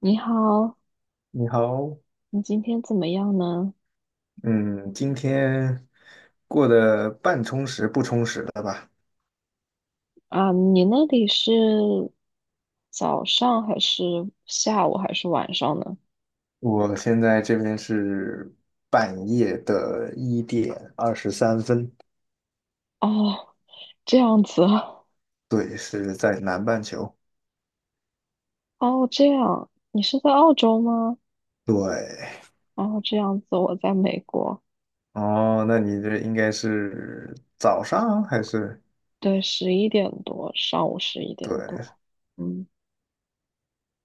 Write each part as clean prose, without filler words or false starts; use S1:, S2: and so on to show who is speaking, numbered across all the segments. S1: 你好，
S2: 你好。
S1: 你今天怎么样呢？
S2: 嗯，今天过得半充实不充实的吧？
S1: 啊，你那里是早上还是下午还是晚上呢？
S2: 我现在这边是半夜的1点23分，
S1: 哦，这样子啊。
S2: 对，是在南半球。
S1: 哦，这样，你是在澳洲吗？
S2: 对。
S1: 哦，这样子，我在美国。
S2: 哦，那你这应该是早上还是？
S1: 对，十一点多，上午十一点
S2: 对，
S1: 多。嗯，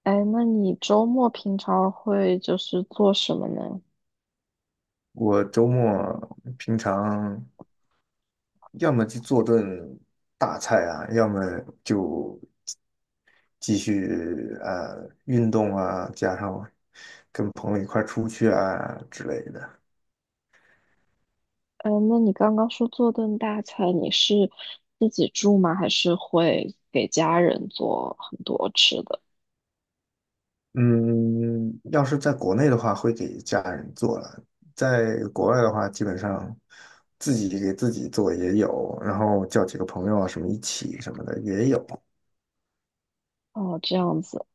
S1: 哎，那你周末平常会就是做什么呢？
S2: 我周末平常。要么就做顿大菜啊，要么就继续运动啊，加上跟朋友一块儿出去啊之类的。
S1: 嗯，那你刚刚说做顿大餐，你是自己住吗？还是会给家人做很多吃的？
S2: 嗯，要是在国内的话，会给家人做了；在国外的话，基本上自己给自己做也有，然后叫几个朋友啊什么一起什么的也有。
S1: 哦，这样子。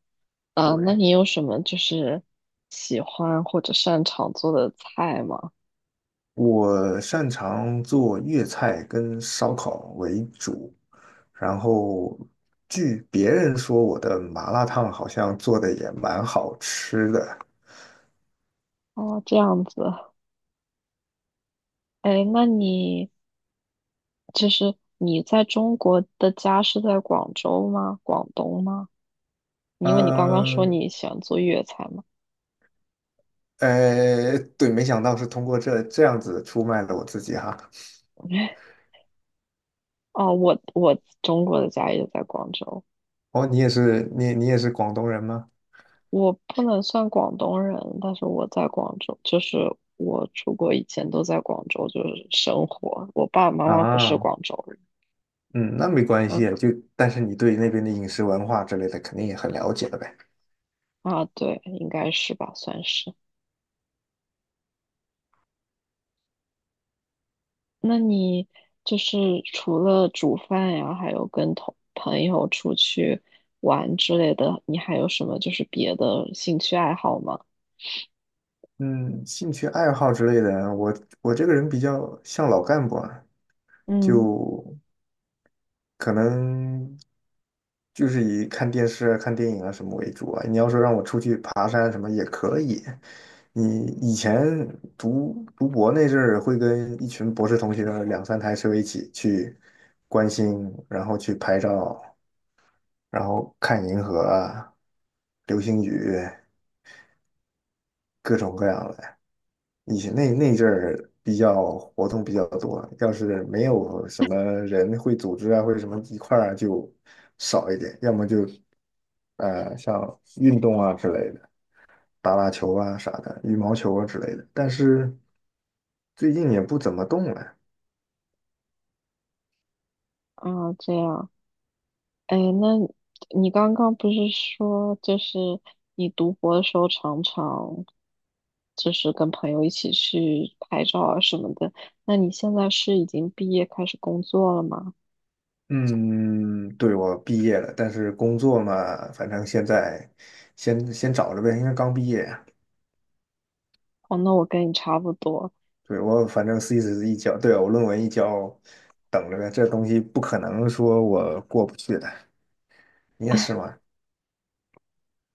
S1: 呃，那
S2: 对，
S1: 你有什么就是喜欢或者擅长做的菜吗？
S2: 我擅长做粤菜跟烧烤为主。然后据别人说，我的麻辣烫好像做的也蛮好吃的。
S1: 哦，这样子。哎，那你就是你在中国的家是在广州吗？广东吗？因为你刚刚说
S2: 呃，
S1: 你喜欢做粤菜嘛。
S2: 对，没想到是通过这样子出卖了我自己哈。
S1: 哦，我中国的家也在广州。
S2: 哦，你也是，你也是广东人吗？
S1: 我不能算广东人，但是我在广州，就是我出国以前都在广州，就是生活。我爸爸妈妈不是
S2: 啊，
S1: 广州人。
S2: 嗯，那没关
S1: 嗯。
S2: 系啊，就但是你对那边的饮食文化之类的肯定也很了解了呗。
S1: 啊，对，应该是吧，算是。那你就是除了煮饭呀，还有跟同朋友出去玩之类的，你还有什么就是别的兴趣爱好吗？
S2: 嗯，兴趣爱好之类的，我这个人比较像老干部啊，
S1: 嗯。
S2: 就可能就是以看电视啊、看电影啊什么为主啊。你要说让我出去爬山什么也可以。你以前读博那阵儿，会跟一群博士同学两三台车一起去观星，然后去拍照，然后看银河啊、流星雨，各种各样的。以前那阵儿比较活动比较多，要是没有什么人会组织啊，或者什么一块儿啊就少一点，要么就像运动啊之类的，打打球啊啥的，羽毛球啊之类的。但是最近也不怎么动了。
S1: 啊，这样。哎，那你刚刚不是说，就是你读博的时候常常就是跟朋友一起去拍照啊什么的。那你现在是已经毕业开始工作了吗？
S2: 嗯，对，我毕业了，但是工作嘛，反正现在先找着呗，因为刚毕业啊
S1: 哦，那我跟你差不多。
S2: 对，我反正 thesis 一交，对啊，我论文一交，等着呗。这东西不可能说我过不去的。你也是吗？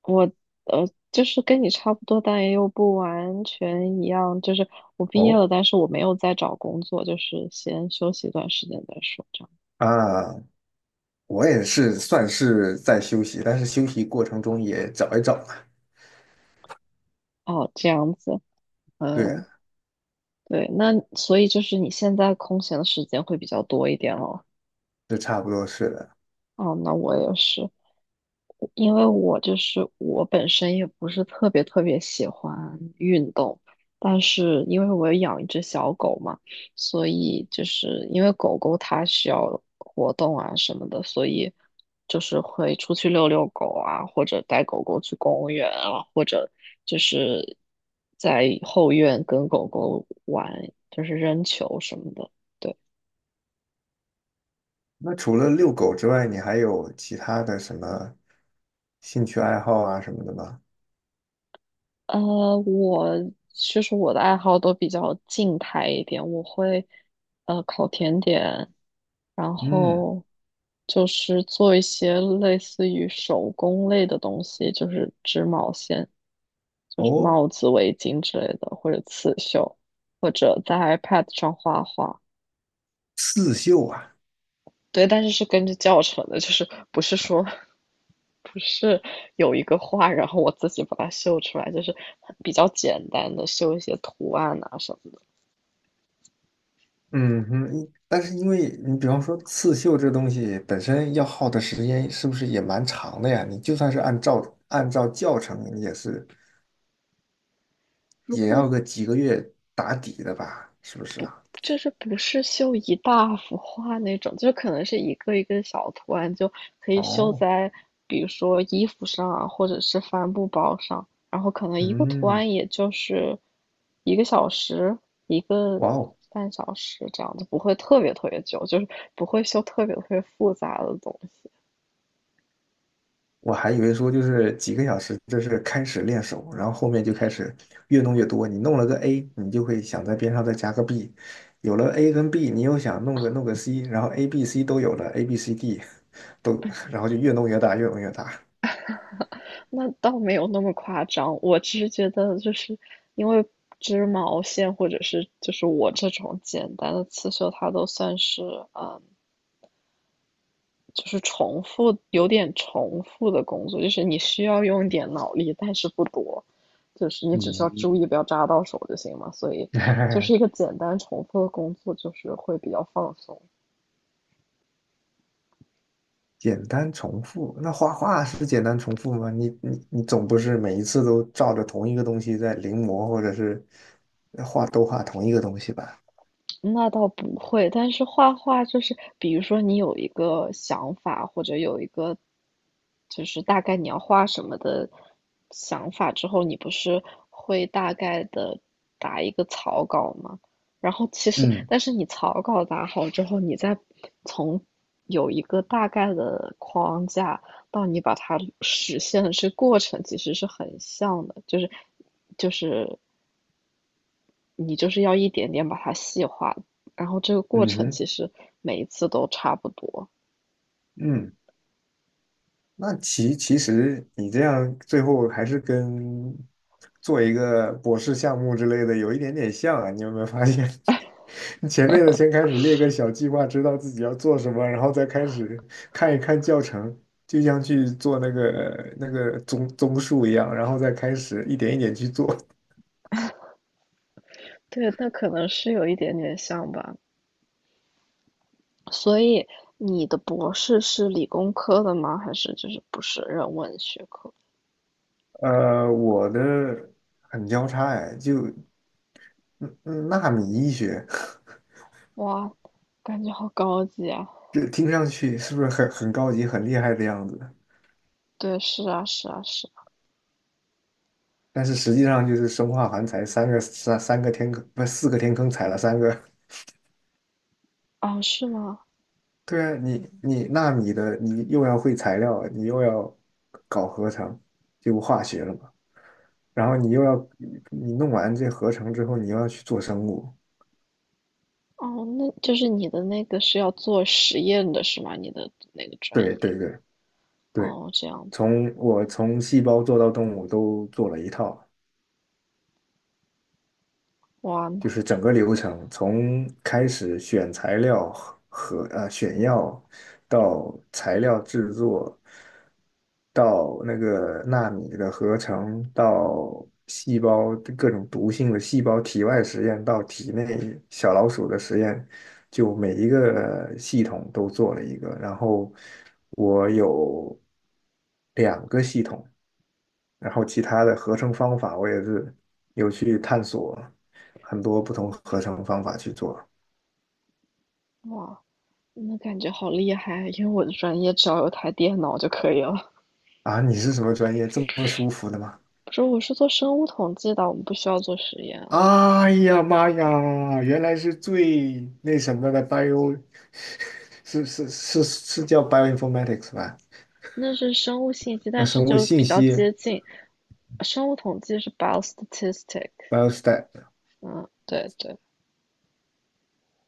S1: 我呃就是跟你差不多，但也又不完全一样。就是我毕业
S2: 哦，
S1: 了，但是我没有再找工作，就是先休息一段时间再说这样。
S2: 啊，我也是算是在休息，但是休息过程中也找一找嘛。
S1: 哦，这样子。
S2: 对啊，
S1: 嗯。对，那所以就是你现在空闲的时间会比较多一点了。
S2: 这差不多是的。
S1: 哦，那我也是，因为我就是我本身也不是特别特别喜欢运动，但是因为我有养一只小狗嘛，所以就是因为狗狗它需要活动啊什么的，所以就是会出去遛遛狗啊，或者带狗狗去公园啊，或者就是在后院跟狗狗玩，就是扔球什么的。对。
S2: 那除了遛狗之外，你还有其他的什么兴趣爱好啊什么的吗？
S1: 呃，我其实我的爱好都比较静态一点，我会烤甜点，然
S2: 嗯，
S1: 后就是做一些类似于手工类的东西，就是织毛线，就是
S2: 哦，
S1: 帽子、围巾之类的，或者刺绣，或者在 iPad 上画画。
S2: 刺绣啊，
S1: 对，但是是跟着教程的，就是不是说不是有一个画，然后我自己把它绣出来，就是比较简单的绣一些图案啊什么。
S2: 嗯哼，因但是因为你比方说刺绣这东西本身要耗的时间是不是也蛮长的呀？你就算是按照教程，也是
S1: 如
S2: 也
S1: 果
S2: 要个几个月打底的吧？是不是啊？
S1: 就是不是绣一大幅画那种，就可能是一个一个小图案，就可以绣
S2: 哦，
S1: 在比如说衣服上啊，或者是帆布包上，然后可能一个图
S2: 嗯，
S1: 案也就是一个小时，一个
S2: 哇哦，
S1: 半小时这样子，不会特别特别久，就是不会绣特别特别复杂的东西。
S2: 我还以为说就是几个小时，这是开始练手，然后后面就开始越弄越多。你弄了个 A,你就会想在边上再加个 B,有了 A 跟 B,你又想弄个 C,然后 A、B、C 都有了，A、B、C、D 都，然后就越弄越大，越弄越大。
S1: 那倒没有那么夸张，我只是觉得就是因为织毛线或者是就是我这种简单的刺绣，它都算是呃。就是重复，有点重复的工作，就是你需要用一点脑力，但是不多，就是你只需要注
S2: 嗯，
S1: 意不要扎到手就行嘛。所以就是一个 简单重复的工作，就是会比较放松。
S2: 简单重复，那画画是简单重复吗？你总不是每一次都照着同一个东西在临摹，或者是画都画同一个东西吧？
S1: 那倒不会，但是画画就是，比如说你有一个想法，或者有一个就是大概你要画什么的想法之后，你不是会大概的打一个草稿吗？然后其实，
S2: 嗯
S1: 但是你草稿打好之后，你再从有一个大概的框架到你把它实现的这个过程，其实是很像的，就是就是你就是要一点点把它细化，然后这个过
S2: 嗯
S1: 程
S2: 哼
S1: 其实每一次都差不多。
S2: 嗯。那其实你这样最后还是跟做一个博士项目之类的有一点点像啊，你有没有发现？你前面的先开始列个小计划，知道自己要做什么，然后再开始看一看教程，就像去做那个综述一样，然后再开始一点一点去做。
S1: 对，那可能是有一点点像吧。所以你的博士是理工科的吗？还是就是不是人文学科？
S2: 呃，我的很交叉哎，就嗯纳米医学，
S1: 哇，感觉好高级啊！
S2: 这听上去是不是很高级、很厉害的样子？
S1: 对，是啊，是啊，是啊。
S2: 但是实际上就是生化环材三个天坑，不是四个天坑踩了三个。
S1: 啊，是吗？
S2: 对啊，你纳米的，你又要会材料，你又要搞合成，就化学了嘛。然后你又要你弄完这合成之后，你又要去做生物。
S1: 哦，那就是你的那个是要做实验的是吗？你的那个专
S2: 对
S1: 业？
S2: 对对对，
S1: 哦，这样子。
S2: 从细胞做到动物都做了一套。
S1: 哇，
S2: 就
S1: 那
S2: 是整个流程，从开始选材料和选药，到材料制作，到那个纳米的合成，到细胞各种毒性的细胞体外实验，到体内小老鼠的实验，就每一个系统都做了一个。然后我有两个系统，然后其他的合成方法，我也是有去探索很多不同合成方法去做。
S1: 哇，那感觉好厉害，因为我的专业只要有台电脑就可以了。
S2: 啊，你是什么专业？这么舒服的吗？
S1: 不是，我是做生物统计的，我们不需要做实验啊。
S2: 哎呀妈呀，原来是最那什么的 bio,是是是是叫 bioinformatics 吧？
S1: 那是生物信息，
S2: 啊，
S1: 但是
S2: 生物
S1: 就
S2: 信
S1: 比较
S2: 息
S1: 接近。生物统计是 biostatistics。
S2: biostat
S1: 嗯，对对，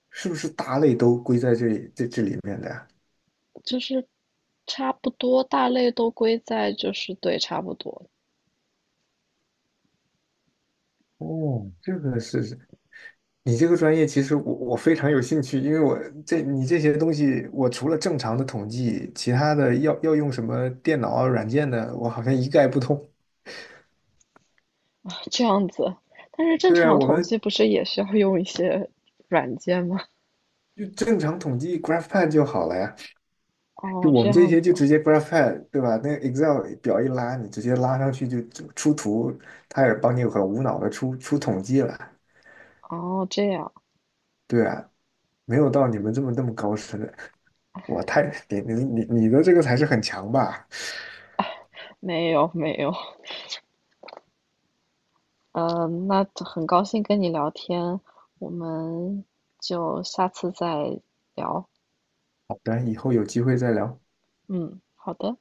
S2: 是不是大类都归在这里面的呀？
S1: 就是差不多，大类都归在就是对，差不多
S2: 哦，这个是。你这个专业其实我非常有兴趣，因为我你这些东西，我除了正常的统计，其他的要用什么电脑啊、软件的，我好像一概不通。
S1: 这样子。但是正
S2: 对啊，
S1: 常
S2: 我
S1: 统
S2: 们
S1: 计不是也需要用一些软件吗？
S2: 就正常统计 GraphPad 就好了呀，就
S1: 哦，
S2: 我
S1: 这
S2: 们这
S1: 样
S2: 些
S1: 子。
S2: 就直接 GraphPad,对吧？那个 Excel 表一拉，你直接拉上去就出图，它也帮你很无脑的出统计了。
S1: 哦，这样，
S2: 对啊，没有到你们这么那么高深的，我太你的这个才是很强吧？
S1: 没有没有。呃，那很高兴跟你聊天，我们就下次再聊。
S2: 好的，以后有机会再聊。
S1: 嗯，好的。